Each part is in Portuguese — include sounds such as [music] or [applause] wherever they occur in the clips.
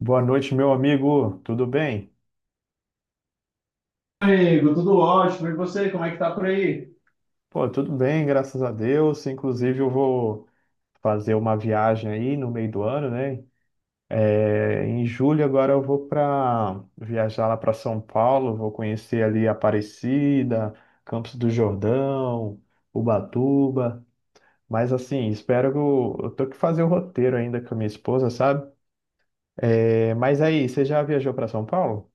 Boa noite, meu amigo. Tudo bem? Amigo, tudo ótimo. E você, como é que tá por aí? Pô, tudo bem, graças a Deus. Inclusive, eu vou fazer uma viagem aí no meio do ano, né? É, em julho agora eu vou para viajar lá para São Paulo, vou conhecer ali Aparecida, Campos do Jordão, Ubatuba. Mas assim, espero que eu tô que fazer o roteiro ainda com a minha esposa, sabe? É, mas aí, você já viajou para São Paulo?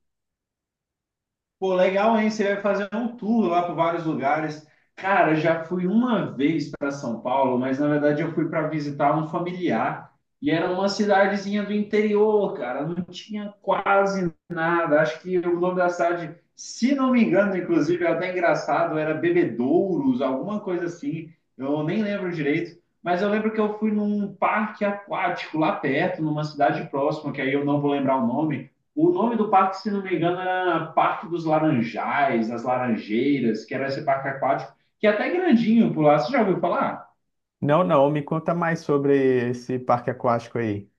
Pô, legal, hein? Você vai fazer um tour lá por vários lugares. Cara, já fui uma vez para São Paulo, mas na verdade eu fui para visitar um familiar e era uma cidadezinha do interior, cara. Não tinha quase nada. Acho que o nome da cidade, se não me engano, inclusive, é até engraçado, era Bebedouros, alguma coisa assim. Eu nem lembro direito. Mas eu lembro que eu fui num parque aquático lá perto, numa cidade próxima, que aí eu não vou lembrar o nome. O nome do parque, se não me engano, era Parque dos Laranjais, das Laranjeiras, que era esse parque aquático, que é até grandinho por lá. Você já ouviu falar? Não, não. Me conta mais sobre esse parque aquático aí.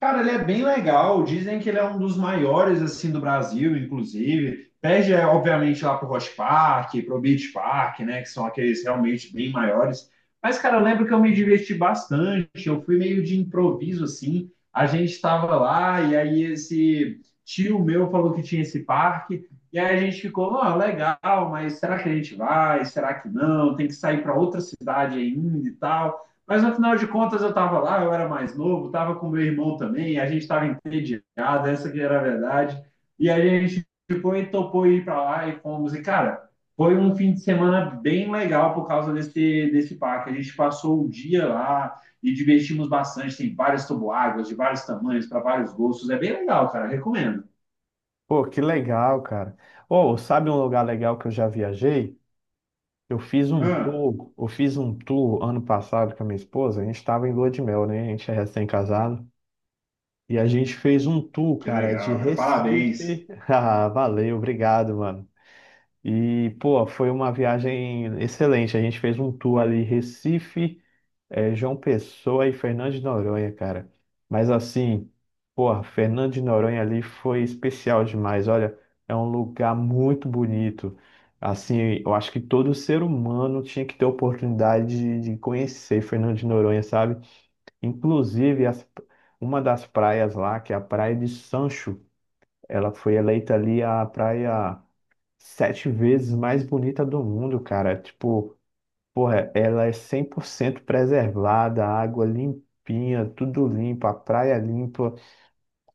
Cara, ele é bem legal. Dizem que ele é um dos maiores assim do Brasil, inclusive. Perde, é, obviamente, lá pro Rock Park, pro Beach Park, né? Que são aqueles realmente bem maiores. Mas, cara, eu lembro que eu me diverti bastante. Eu fui meio de improviso, assim. A gente estava lá e aí esse tio meu falou que tinha esse parque. E aí a gente ficou, ó, legal, mas será que a gente vai? Será que não? Tem que sair para outra cidade ainda e tal. Mas no final de contas eu estava lá, eu era mais novo, estava com meu irmão também, a gente estava entediado, essa que era a verdade. E aí a gente foi topou ir para lá e fomos. E cara, foi um fim de semana bem legal por causa desse parque. A gente passou o dia lá e divertimos bastante. Tem várias toboáguas de vários tamanhos, para vários gostos. É bem legal, cara, recomendo. Pô, que legal, cara. Ou sabe um lugar legal que eu já viajei? Eu fiz um Ah, tour, eu fiz um tour ano passado com a minha esposa. A gente estava em lua de mel, né? A gente é recém-casado. E a gente fez um tour, que cara, de legal, cara, parabéns. Recife. [laughs] Ah, valeu, obrigado, mano. E, pô, foi uma viagem excelente. A gente fez um tour ali, Recife. É João Pessoa e Fernando de Noronha, cara. Mas assim, porra, Fernando de Noronha ali foi especial demais. Olha, é um lugar muito bonito. Assim, eu acho que todo ser humano tinha que ter a oportunidade de conhecer Fernando de Noronha, sabe? Inclusive, uma das praias lá, que é a Praia de Sancho, ela foi eleita ali a praia sete vezes mais bonita do mundo, cara. Tipo, porra, ela é 100% preservada, a água limpinha, tudo limpo, a praia limpa,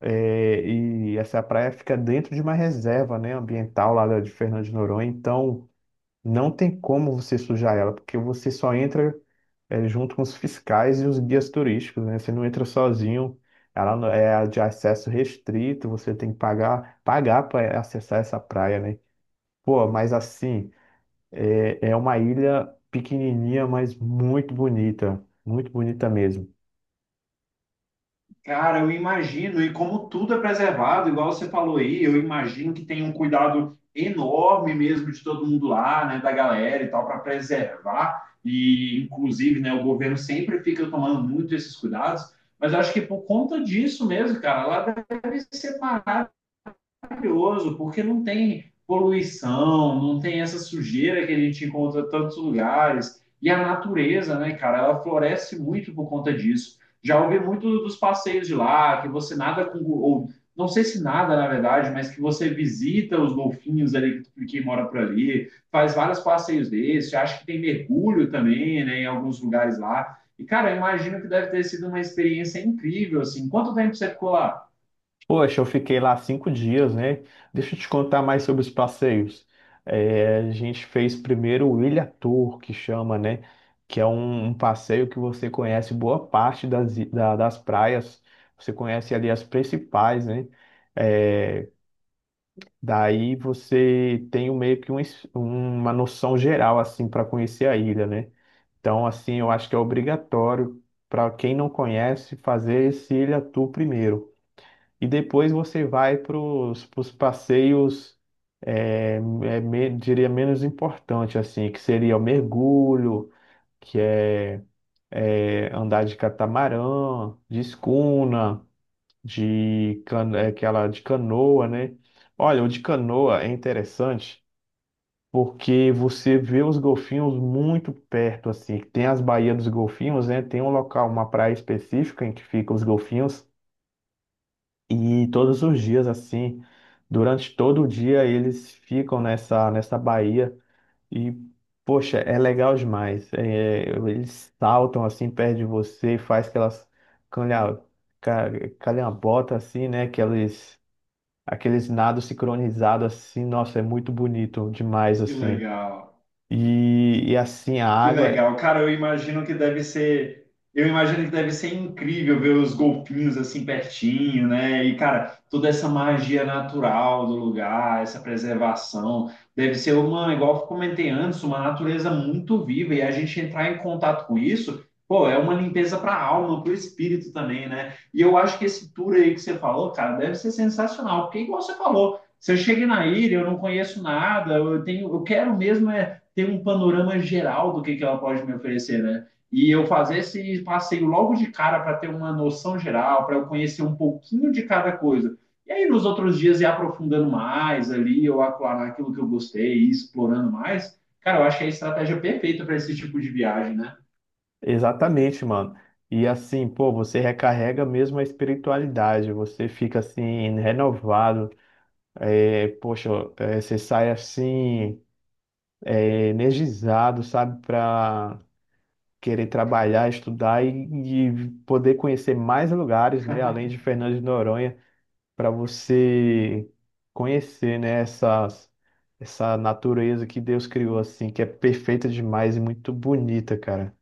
e essa praia fica dentro de uma reserva, né, ambiental lá de Fernando de Noronha, então não tem como você sujar ela, porque você só entra, junto com os fiscais e os guias turísticos, né, você não entra sozinho, ela é de acesso restrito, você tem que pagar para acessar essa praia, né. Pô, mas assim. É uma ilha pequenininha, mas muito bonita mesmo. Cara, eu imagino, e como tudo é preservado, igual você falou aí, eu imagino que tem um cuidado enorme mesmo de todo mundo lá, né, da galera e tal, para preservar. E, inclusive, né, o governo sempre fica tomando muito esses cuidados, mas eu acho que por conta disso mesmo, cara, lá deve separar maravilhoso, porque não tem poluição, não tem essa sujeira que a gente encontra em tantos lugares. E a natureza, né, cara, ela floresce muito por conta disso. Já ouvi muito dos passeios de lá, que você nada com, ou não sei se nada, na verdade, mas que você visita os golfinhos ali que mora por ali, faz vários passeios desses, acho que tem mergulho também, né, em alguns lugares lá. E, cara, eu imagino que deve ter sido uma experiência incrível, assim. Quanto tempo você ficou lá? Poxa, eu fiquei lá 5 dias, né? Deixa eu te contar mais sobre os passeios. É, a gente fez primeiro o Ilha Tour, que chama, né? Que é um passeio que você conhece boa parte das praias. Você conhece ali as principais, né? É, daí você tem meio que uma noção geral, assim, para conhecer a ilha, né? Então, assim, eu acho que é obrigatório para quem não conhece fazer esse Ilha Tour primeiro. E depois você vai para os passeios, é, diria, menos importante, assim, que seria o mergulho, que é andar de catamarã, de escuna, de, aquela de canoa, né? Olha, o de canoa é interessante porque você vê os golfinhos muito perto, assim. Tem as baías dos golfinhos, né? Tem um local, uma praia específica em que ficam os golfinhos, e todos os dias, assim, durante todo o dia, eles ficam nessa baía, e, poxa, é legal demais. É, eles saltam, assim, perto de você e faz aquelas calha, ca- calhambotas, assim, né? Aqueles nados sincronizados, assim. Nossa, é muito bonito demais, Que assim. legal. E assim, a Que água, legal. Cara, eu imagino que deve ser. Eu imagino que deve ser incrível ver os golfinhos assim pertinho, né? E, cara, toda essa magia natural do lugar, essa preservação. Deve ser uma, igual eu comentei antes, uma natureza muito viva. E a gente entrar em contato com isso, pô, é uma limpeza para a alma, para o espírito também, né? E eu acho que esse tour aí que você falou, cara, deve ser sensacional. Porque, igual você falou, se eu cheguei na ilha, eu não conheço nada, eu tenho, eu quero mesmo é ter um panorama geral do que ela pode me oferecer, né? E eu fazer esse passeio logo de cara para ter uma noção geral, para eu conhecer um pouquinho de cada coisa. E aí, nos outros dias, ir aprofundando mais ali, eu aclarar aquilo que eu gostei, ir explorando mais. Cara, eu acho que é a estratégia perfeita para esse tipo de viagem, né? exatamente, mano. E assim, pô, você recarrega mesmo a espiritualidade, você fica assim, renovado. Poxa, você sai assim, energizado, sabe, para querer trabalhar, estudar e poder conhecer mais lugares, né, além de Fernando de Noronha, para você conhecer, né, essa natureza que Deus criou, assim, que é perfeita demais e muito bonita, cara.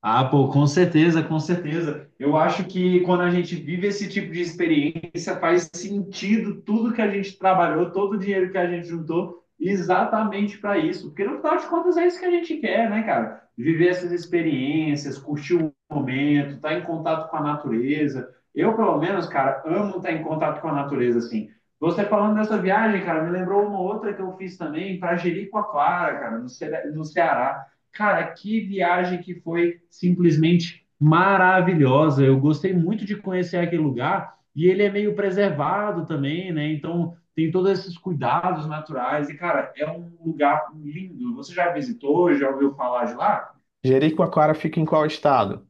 Ah, pô, com certeza, com certeza. Eu acho que quando a gente vive esse tipo de experiência, faz sentido tudo que a gente trabalhou, todo o dinheiro que a gente juntou, exatamente para isso. Porque no final de contas é isso que a gente quer, né, cara? Viver essas experiências, curtir o momento, estar em contato com a natureza. Eu, pelo menos, cara, amo estar em contato com a natureza, assim. Você falando dessa viagem, cara, me lembrou uma outra que eu fiz também para Jericoacoara, cara, no Ceará. Cara, que viagem que foi simplesmente maravilhosa. Eu gostei muito de conhecer aquele lugar e ele é meio preservado também, né? Então tem todos esses cuidados naturais. E, cara, é um lugar lindo. Você já visitou, já ouviu falar de lá? Jericoacoara fica em qual estado?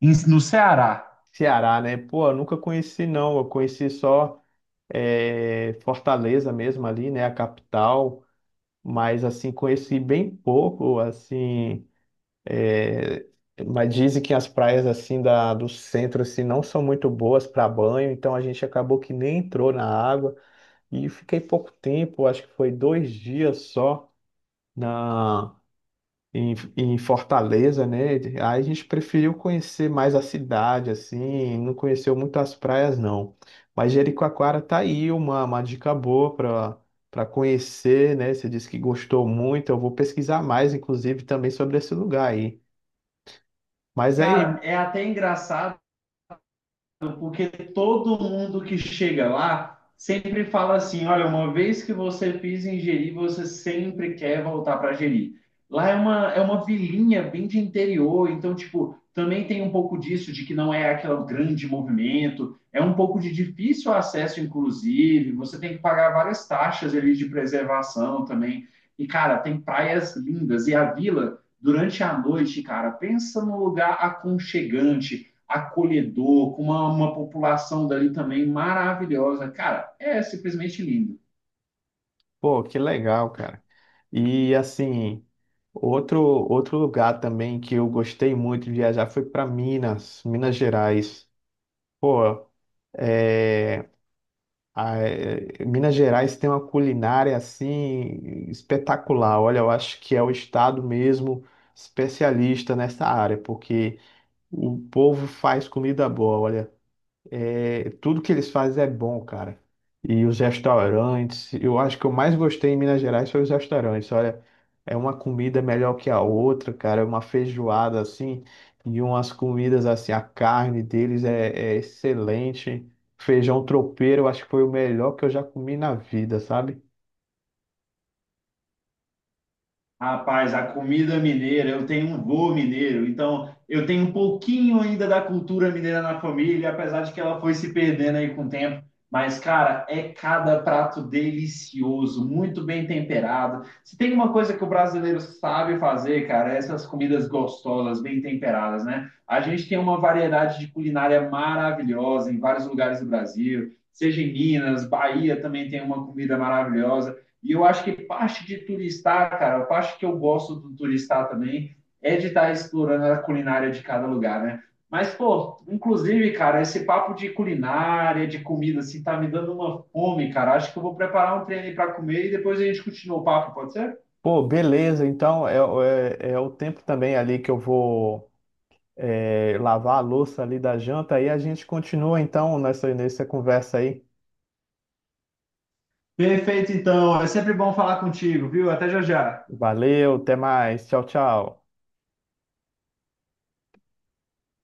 No Ceará. Ceará, né? Pô, eu nunca conheci, não. Eu conheci só Fortaleza mesmo ali, né? A capital. Mas, assim, conheci bem pouco, assim. é, Mas dizem que as praias, assim, da, do centro, assim, não são muito boas para banho. Então, a gente acabou que nem entrou na água. E fiquei pouco tempo, acho que foi 2 dias só na... em Fortaleza, né? Aí a gente preferiu conhecer mais a cidade, assim, não conheceu muito as praias, não. Mas Jericoacoara tá aí uma dica boa para conhecer, né? Você disse que gostou muito, eu vou pesquisar mais, inclusive, também sobre esse lugar aí. Mas aí, Cara, é até engraçado porque todo mundo que chega lá sempre fala assim: olha, uma vez que você pisa em Jeri, você sempre quer voltar para Jeri. Lá é é uma vilinha bem de interior, então, tipo, também tem um pouco disso, de que não é aquele grande movimento, é um pouco de difícil acesso, inclusive, você tem que pagar várias taxas ali de preservação também. E, cara, tem praias lindas, e a vila, durante a noite, cara, pensa num lugar aconchegante acolhedor, com uma população dali também maravilhosa. Cara, é simplesmente lindo. pô, que legal, cara. E assim, outro lugar também que eu gostei muito de viajar foi para Minas, Minas Gerais. Pô, ah, Minas Gerais tem uma culinária assim espetacular. Olha, eu acho que é o estado mesmo especialista nessa área, porque o povo faz comida boa. Olha, tudo que eles fazem é bom, cara. E os restaurantes, eu acho que eu mais gostei em Minas Gerais foi os restaurantes. Olha, é uma comida melhor que a outra, cara. É uma feijoada assim, e umas comidas assim. A carne deles é excelente. Feijão tropeiro, eu acho que foi o melhor que eu já comi na vida, sabe? Rapaz, a comida mineira, eu tenho um vô mineiro, então eu tenho um pouquinho ainda da cultura mineira na família, apesar de que ela foi se perdendo aí com o tempo. Mas, cara, é cada prato delicioso, muito bem temperado. Se tem uma coisa que o brasileiro sabe fazer, cara, é essas comidas gostosas, bem temperadas, né? A gente tem uma variedade de culinária maravilhosa em vários lugares do Brasil, seja em Minas, Bahia também tem uma comida maravilhosa. E eu acho que parte de turistar, cara, a parte que eu gosto do turistar também é de estar explorando a culinária de cada lugar, né? Mas, pô, inclusive, cara, esse papo de culinária, de comida, assim, tá me dando uma fome, cara. Acho que eu vou preparar um treino para comer e depois a gente continua o papo, pode ser? Pô, beleza. Então é o tempo também ali que eu vou lavar a louça ali da janta. Aí a gente continua então nessa conversa aí. Perfeito, então. É sempre bom falar contigo, viu? Até já já. Valeu, até mais. Tchau, tchau.